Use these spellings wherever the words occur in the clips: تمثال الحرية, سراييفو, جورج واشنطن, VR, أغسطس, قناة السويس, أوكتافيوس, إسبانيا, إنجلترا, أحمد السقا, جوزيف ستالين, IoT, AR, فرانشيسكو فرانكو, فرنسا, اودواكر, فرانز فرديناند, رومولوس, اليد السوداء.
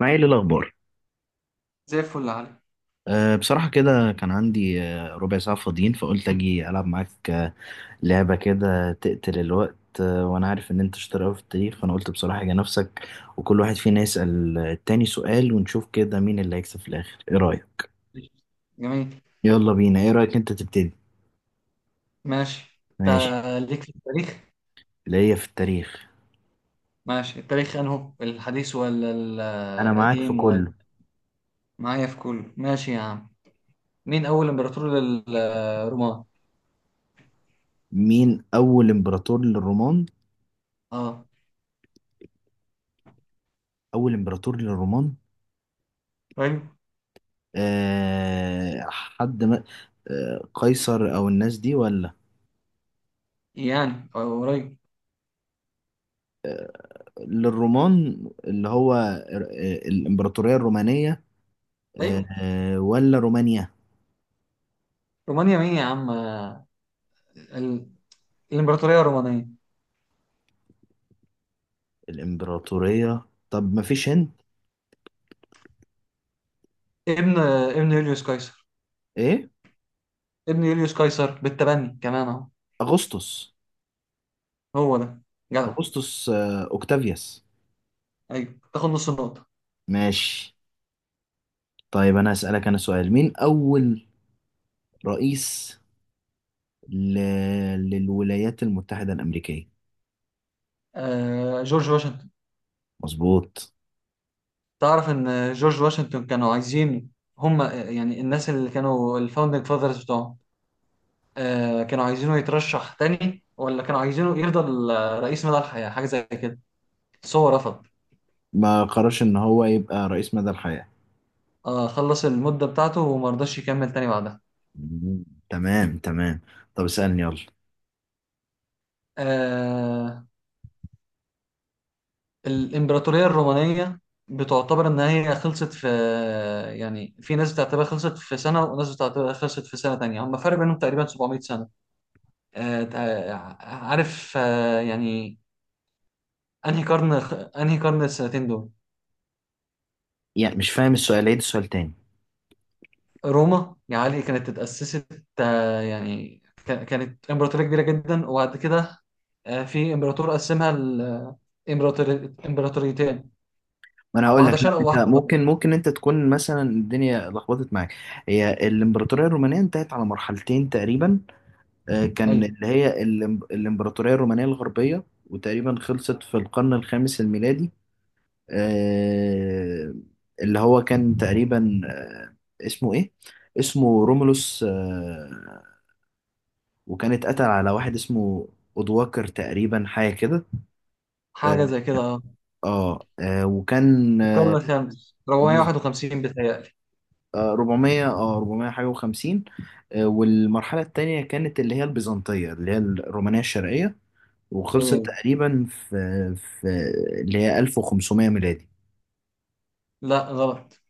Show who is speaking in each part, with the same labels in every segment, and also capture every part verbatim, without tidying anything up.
Speaker 1: معايا ايه الاخبار؟
Speaker 2: زي الفل يا علي.
Speaker 1: أه بصراحه كده كان عندي، آه، ربع ساعه فاضيين، فقلت اجي العب معاك، آه، لعبه كده تقتل الوقت. أه وانا عارف ان انت شاطر قوي في التاريخ، فانا قلت بصراحه يا نفسك، وكل واحد فينا يسال آه، التاني سؤال، ونشوف كده مين اللي هيكسب في الاخر. ايه رايك؟
Speaker 2: جميل.
Speaker 1: يلا بينا. ايه رايك انت تبتدي؟
Speaker 2: ماشي انت.
Speaker 1: ماشي.
Speaker 2: ليك في التاريخ.
Speaker 1: ليا في التاريخ.
Speaker 2: ماشي، التاريخ انه الحديث ولا
Speaker 1: انا معاك في
Speaker 2: القديم ولا
Speaker 1: كله.
Speaker 2: معايا في كله؟ ماشي يا عم. مين اول امبراطور للرومان؟
Speaker 1: مين اول امبراطور للرومان؟
Speaker 2: اه.
Speaker 1: اول امبراطور للرومان.
Speaker 2: طيب،
Speaker 1: أه حد ما. أه قيصر او الناس دي ولا؟
Speaker 2: يعني أو قريب.
Speaker 1: للرومان اللي هو ال- الإمبراطورية الرومانية. آه،
Speaker 2: ايوه
Speaker 1: آه، ولا رومانيا؟
Speaker 2: رومانيا مين يا عم؟ آه، ال... الامبراطوريه الرومانيه.
Speaker 1: الإمبراطورية. طب ما فيش هند.
Speaker 2: ابن، ابن يوليوس قيصر
Speaker 1: إيه.
Speaker 2: ابن يوليوس قيصر بالتبني كمان اهو.
Speaker 1: أغسطس.
Speaker 2: هو ده، جدع.
Speaker 1: أغسطس، آه، أوكتافيوس.
Speaker 2: ايوه تاخد نص النقطه.
Speaker 1: ماشي. طيب أنا أسألك أنا سؤال. مين أول رئيس ل... للولايات المتحدة الأمريكية؟
Speaker 2: آه جورج واشنطن.
Speaker 1: مظبوط.
Speaker 2: تعرف ان جورج واشنطن كانوا عايزين، هم يعني الناس اللي كانوا الفاوندنج فاذرز بتوعهم، آه، كانوا عايزينه يترشح تاني، ولا كانوا عايزينه يفضل آه، رئيس مدى الحياة حاجة زي كده، بس هو رفض.
Speaker 1: ما قررش إن هو يبقى رئيس مدى الحياة.
Speaker 2: آه، خلص المدة بتاعته وما رضاش يكمل تاني بعدها.
Speaker 1: مم. تمام تمام. طب اسألني يلا.
Speaker 2: آه، الإمبراطورية الرومانية بتعتبر إن هي خلصت في، يعني في ناس بتعتبرها خلصت في سنة وناس بتعتبرها خلصت في سنة تانية، هم فرق بينهم تقريبا سبعمية سنة. آه، آه، عارف آه، يعني انهي قرن، انهي قرن السنتين دول؟
Speaker 1: يعني مش فاهم السؤال، عيد السؤال تاني.
Speaker 2: روما يا علي كانت اتأسست، آه، يعني ك- كانت امبراطورية كبيرة جدا، وبعد كده آه، في امبراطور قسمها الامبراطوريتين،
Speaker 1: ما انا هقول لك،
Speaker 2: واحدة
Speaker 1: لا
Speaker 2: شرق
Speaker 1: انت
Speaker 2: وواحدة غرب.
Speaker 1: ممكن ممكن انت تكون مثلا الدنيا لخبطت معاك. هي الامبراطوريه الرومانيه انتهت على مرحلتين تقريبا. آه، كان
Speaker 2: ايوه
Speaker 1: اللي هي الإم- الامبراطوريه الرومانيه الغربيه، وتقريبا خلصت في القرن الخامس الميلادي. آه، اللي هو كان تقريبا، آه، اسمه ايه. اسمه رومولوس، آه، وكان اتقتل على واحد اسمه اودواكر تقريبا، حاجه كده.
Speaker 2: حاجة
Speaker 1: اه.
Speaker 2: زي كده، اه.
Speaker 1: آه، آه، وكان
Speaker 2: القرن الخامس أربعمية وواحد وخمسين بتهيألي.
Speaker 1: آه، اربعمية، اه اربعمية حاجة و50. والمرحلة التانية كانت اللي هي البيزنطية، اللي هي الرومانية الشرقية،
Speaker 2: هي
Speaker 1: وخلصت
Speaker 2: دي.
Speaker 1: تقريبا في في اللي هي ألف وخمسمية ميلادي.
Speaker 2: لا غلط.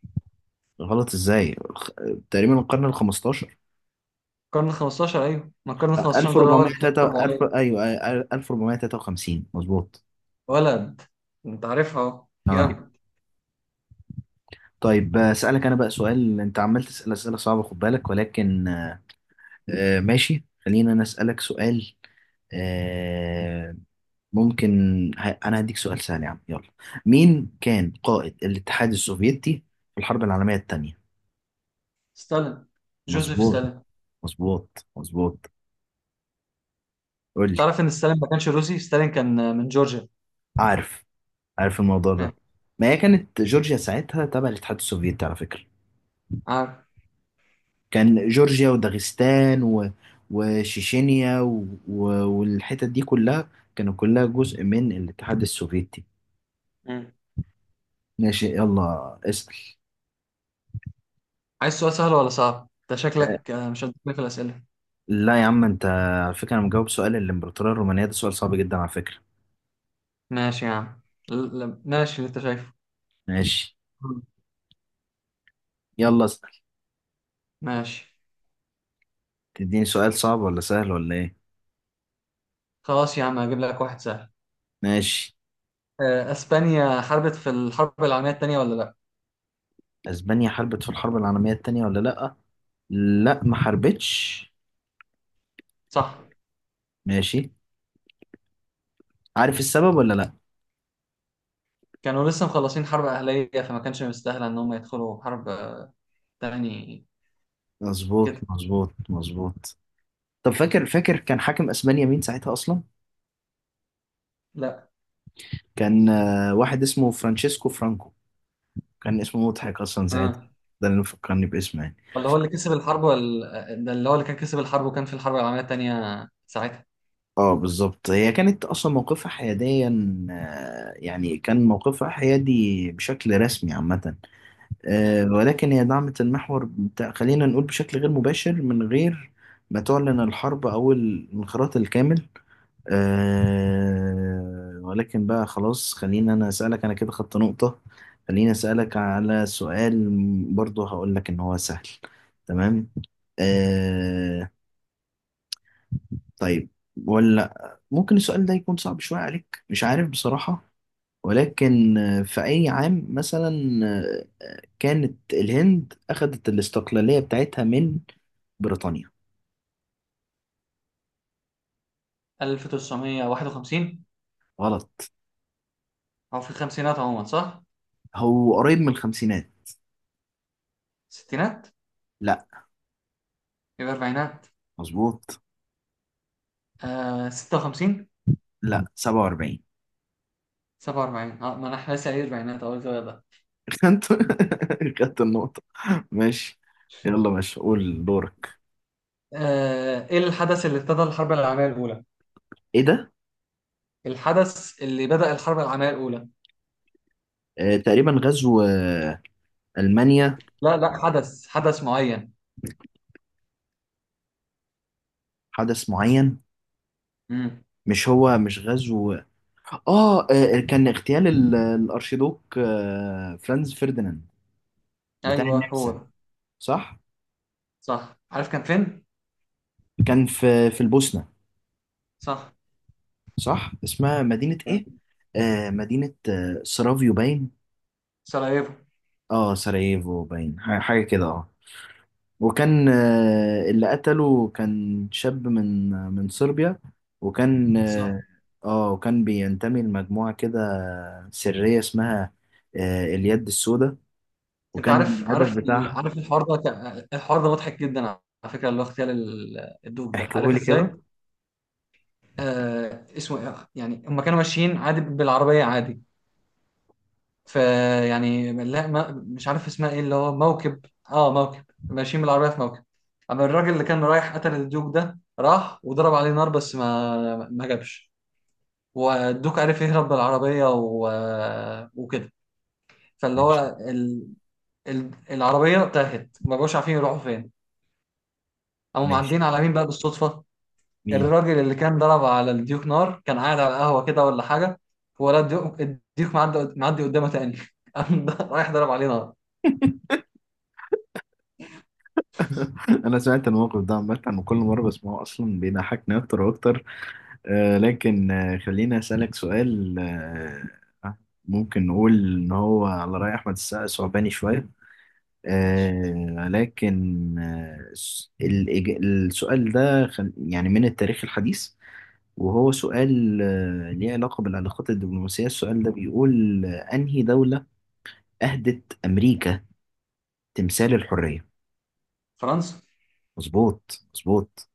Speaker 1: غلط ازاي الخ- تقريبا القرن ال خمستاشر.
Speaker 2: القرن ال خمستاشر، ايوه، ما القرن ال خمستاشر ده اللي هو اللي فات
Speaker 1: ألف واربعمية وتلاتة، ألف،
Speaker 2: أربعمية.
Speaker 1: ايوه، آه، ألف واربعمية وتلاتة وخمسين. مظبوط.
Speaker 2: ولد، انت عارفها اهو.
Speaker 1: اه.
Speaker 2: جامد.
Speaker 1: طيب آه، اسالك انا بقى سؤال. انت عمال تسال اسئله صعبه خد بالك، ولكن آه، آه، ماشي، خلينا انا اسالك سؤال. آه، ممكن. ه- انا هديك سؤال سهل يا عم، يلا. مين كان قائد الاتحاد السوفيتي في الحرب العالمية التانية؟
Speaker 2: ستالين، جوزيف
Speaker 1: مظبوط
Speaker 2: ستالين.
Speaker 1: مظبوط مظبوط. قول لي.
Speaker 2: تعرف ان ستالين ما كانش روسي، ستالين كان من جورجيا.
Speaker 1: عارف. عارف الموضوع ده.
Speaker 2: ماشي.
Speaker 1: ما هي كانت جورجيا ساعتها تبع الاتحاد السوفيتي على فكرة.
Speaker 2: عارف.
Speaker 1: كان جورجيا وداغستان و... وشيشينيا و... و... والحتت دي كلها كانوا كلها جزء من الاتحاد السوفيتي.
Speaker 2: مم.
Speaker 1: ماشي يلا اسأل.
Speaker 2: عايز سؤال سهل ولا صعب؟ انت شكلك آه، مش هتجيب في الأسئلة.
Speaker 1: لا يا عم، انت على فكرة انا مجاوب، سؤال الامبراطورية الرومانية ده سؤال صعب جدا على فكرة.
Speaker 2: ماشي يا عم. ل- ل- ماشي اللي انت شايفه.
Speaker 1: ماشي.
Speaker 2: مم.
Speaker 1: يلا اسأل.
Speaker 2: ماشي.
Speaker 1: تديني سؤال صعب ولا سهل ولا ايه؟
Speaker 2: خلاص يا عم هجيب لك واحد سهل.
Speaker 1: ماشي.
Speaker 2: آه، اسبانيا حاربت في الحرب العالمية التانية ولا لا؟
Speaker 1: اسبانيا حاربت في الحرب العالمية التانية ولا لأ؟ لأ، ما حاربتش.
Speaker 2: صح.
Speaker 1: ماشي. عارف السبب ولا لأ؟
Speaker 2: كانوا لسه مخلصين حرب أهلية، فما كانش مستاهلة ان هم يدخلوا حرب آه، تاني،
Speaker 1: مظبوط
Speaker 2: كده.
Speaker 1: مظبوط مظبوط. طب فاكر فاكر كان حاكم اسبانيا مين ساعتها اصلا؟
Speaker 2: لا
Speaker 1: كان آه، واحد اسمه فرانشيسكو فرانكو. كان اسمه مضحك اصلا ساعتها،
Speaker 2: اه.
Speaker 1: ده اللي فكرني باسمه يعني.
Speaker 2: ولا هو اللي كسب الحرب، ولا آه، ده اللي هو اللي كان كسب الحرب وكان في الحرب العالمية التانية ساعتها.
Speaker 1: اه بالظبط. هي كانت اصلا موقفها حياديا، آه، يعني كان موقفها حيادي بشكل رسمي عامة،
Speaker 2: مم.
Speaker 1: آه، ولكن هي دعمت المحور بتاع، خلينا نقول بشكل غير مباشر من غير ما تعلن الحرب أو الانخراط الكامل. آه، ولكن بقى خلاص، خليني أنا أسألك. أنا كده خدت نقطة. خليني أسألك على سؤال. برضه هقول لك إن هو سهل، تمام. آه، طيب، ولا ممكن السؤال ده يكون صعب شوية عليك، مش عارف بصراحة. ولكن آه، في أي عام مثلا كانت الهند أخذت الاستقلالية بتاعتها من بريطانيا؟
Speaker 2: ألف وتسعمية وواحد وخمسين.
Speaker 1: غلط.
Speaker 2: او في الخمسينات عموما صح؟
Speaker 1: هو قريب من الخمسينات.
Speaker 2: ستينات.
Speaker 1: لا.
Speaker 2: يبقى أربعينات.
Speaker 1: مظبوط.
Speaker 2: آه ستة وخمسين.
Speaker 1: لا، سبعة واربعين.
Speaker 2: سبعة وأربعين، اه، ما أنا إحنا لسه قايل أربعينات أول زاوية ده.
Speaker 1: خدت خدت النقطة. ماشي. يلا ماشي قول دورك.
Speaker 2: آه إيه الحدث اللي ابتدى الحرب العالمية الأولى؟
Speaker 1: ايه ده؟
Speaker 2: الحدث اللي بدأ الحرب العالمية الأولى.
Speaker 1: آه تقريبا غزو، آه ألمانيا.
Speaker 2: لا لا، حدث حدث معين.
Speaker 1: حدث معين.
Speaker 2: امم.
Speaker 1: مش هو مش غزو. اه، آه، كان اغتيال ال- الارشيدوك آه فرانز فرديناند بتاع
Speaker 2: أيوه هو
Speaker 1: النمسا.
Speaker 2: ده.
Speaker 1: صح.
Speaker 2: صح، عارف كان فين؟
Speaker 1: كان في في البوسنة.
Speaker 2: صح،
Speaker 1: صح. اسمها مدينة
Speaker 2: كان
Speaker 1: ايه؟
Speaker 2: في
Speaker 1: آه مدينة آه سرافيو باين.
Speaker 2: سراييفو.
Speaker 1: اه سراييفو باين ح- حاجة كده. اه وكان آه اللي قتله كان شاب من من صربيا. وكان
Speaker 2: بالظبط.
Speaker 1: اه، آه، وكان بينتمي لمجموعة كده سرية، اسمها آه اليد السوداء.
Speaker 2: أنت
Speaker 1: وكان
Speaker 2: عارف
Speaker 1: الهدف
Speaker 2: عارف ال-
Speaker 1: بتاعها.
Speaker 2: عارف الحوار ده كان- الحوار ده مضحك جدا على فكرة، اللي هو اغتيال ال- الدوب ده، عارف
Speaker 1: احكيهولي
Speaker 2: إزاي؟
Speaker 1: كده.
Speaker 2: آه اسمه إيه؟ يعني هم كانوا ماشيين عادي بالعربية عادي، في، يعني لا ما مش عارف اسمها ايه، اللي هو موكب، اه موكب، ماشيين بالعربيه في موكب. اما الراجل اللي كان رايح قتل الدوك ده، راح وضرب عليه نار، بس ما ما جابش، والدوك عرف يهرب بالعربيه و... وكده. فاللي
Speaker 1: ماشي.
Speaker 2: هو ال... ال... العربيه تاهت، ما بقوش عارفين يروحوا فين. قاموا
Speaker 1: ماشي.
Speaker 2: معديين على مين بقى بالصدفه؟
Speaker 1: مين؟
Speaker 2: الراجل اللي كان ضرب على الديوك نار كان قاعد على القهوه كده ولا حاجه، ولا الديوك الديوك معدي معدي قدامه تاني قام رايح ضرب عليه نار.
Speaker 1: انا سمعت الموقف ده عامة، وكل مرة بسمعه اصلا بيضحكني اكتر واكتر. آه، لكن آه، خليني أسألك سؤال. آه، ممكن نقول إن هو على رأي أحمد السقا ثعباني شوية. آه، لكن آه، الس- الإج- السؤال ده خل- يعني من التاريخ الحديث. وهو سؤال آه، ليه علاقة بالعلاقات الدبلوماسية. السؤال ده بيقول: آه، أنهي دولة أهدت أمريكا تمثال الحرية؟
Speaker 2: فرنسا.
Speaker 1: مظبوط مظبوط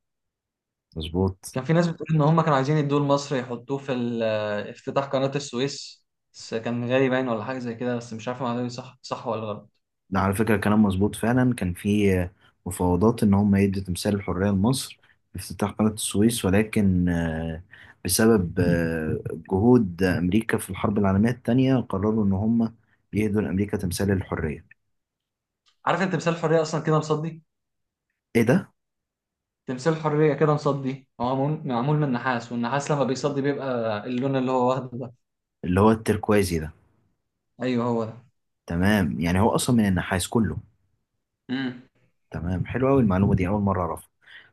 Speaker 1: مظبوط.
Speaker 2: كان في ناس بتقول ان هم كانوا عايزين يدوه لمصر، يحطوه في ال- افتتاح قناة السويس، بس كان غالي باين ولا حاجة زي كده، بس مش عارف المعلومة دي صح صح ولا غلط.
Speaker 1: ده على فكرة كلام مظبوط فعلا. كان في مفاوضات إن هم يدوا تمثال الحرية لمصر في افتتاح قناة السويس، ولكن آه، بسبب آه، جهود أمريكا في الحرب العالمية التانية، قرروا إن هم يهدوا لأمريكا تمثال الحرية.
Speaker 2: عارف انت تمثال الحرية اصلا كده مصدي؟
Speaker 1: إيه ده؟
Speaker 2: تمثال الحرية كده مصدي، هو معمول معمول من نحاس، والنحاس لما بيصدي بيبقى اللون اللي هو واخده ده.
Speaker 1: اللي هو التركوازي ده.
Speaker 2: ايوه هو ده.
Speaker 1: تمام، يعني هو أصلا من النحاس كله.
Speaker 2: امم.
Speaker 1: تمام. حلو أوي المعلومة دي، أول مرة أعرفها.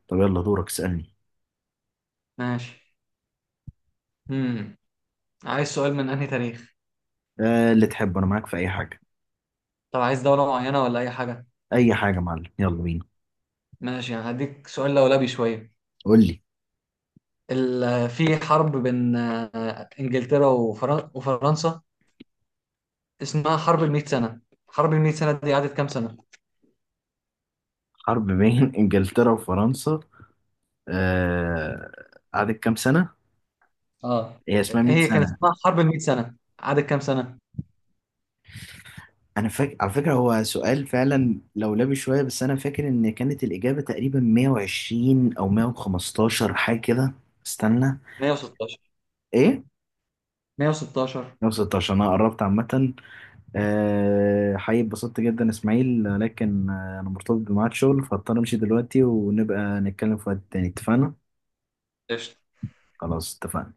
Speaker 1: طب يلا دورك اسألني.
Speaker 2: ماشي. امم، عايز سؤال من انهي تاريخ؟
Speaker 1: آه، اللي تحبه أنا معاك في أي حاجة.
Speaker 2: طب عايز دولة معينة ولا اي حاجة؟
Speaker 1: أي حاجة يا معلم، يلا بينا.
Speaker 2: ماشي، يعني هديك سؤال لولبي شوية.
Speaker 1: قول لي.
Speaker 2: ال- في حرب بين آه، انجلترا وفرن- وفرنسا اسمها حرب المئة سنة، حرب المئة سنة دي قعدت كام سنة؟
Speaker 1: حرب بين إنجلترا وفرنسا، آه، قعدت كام سنة؟
Speaker 2: اه
Speaker 1: هي اسمها مية
Speaker 2: هي كان
Speaker 1: سنة.
Speaker 2: اسمها حرب المئة سنة، قعدت كام سنة؟
Speaker 1: أنا فاكر على فكرة هو سؤال فعلا لولبي شوية، بس أنا فاكر إن كانت الإجابة تقريبا مية وعشرين أو مية وخمستاشر حاجة كده. استنى.
Speaker 2: مية وستاشر.
Speaker 1: إيه؟
Speaker 2: مية وستاشر.
Speaker 1: مئة وستة عشر. أنا قربت عامة. آه، حقيقي اتبسطت جدا إسماعيل، لكن آه، أنا مرتبط بميعاد شغل، فاضطر أمشي دلوقتي، ونبقى نتكلم في وقت تاني، اتفقنا؟
Speaker 2: قشطة.
Speaker 1: خلاص اتفقنا.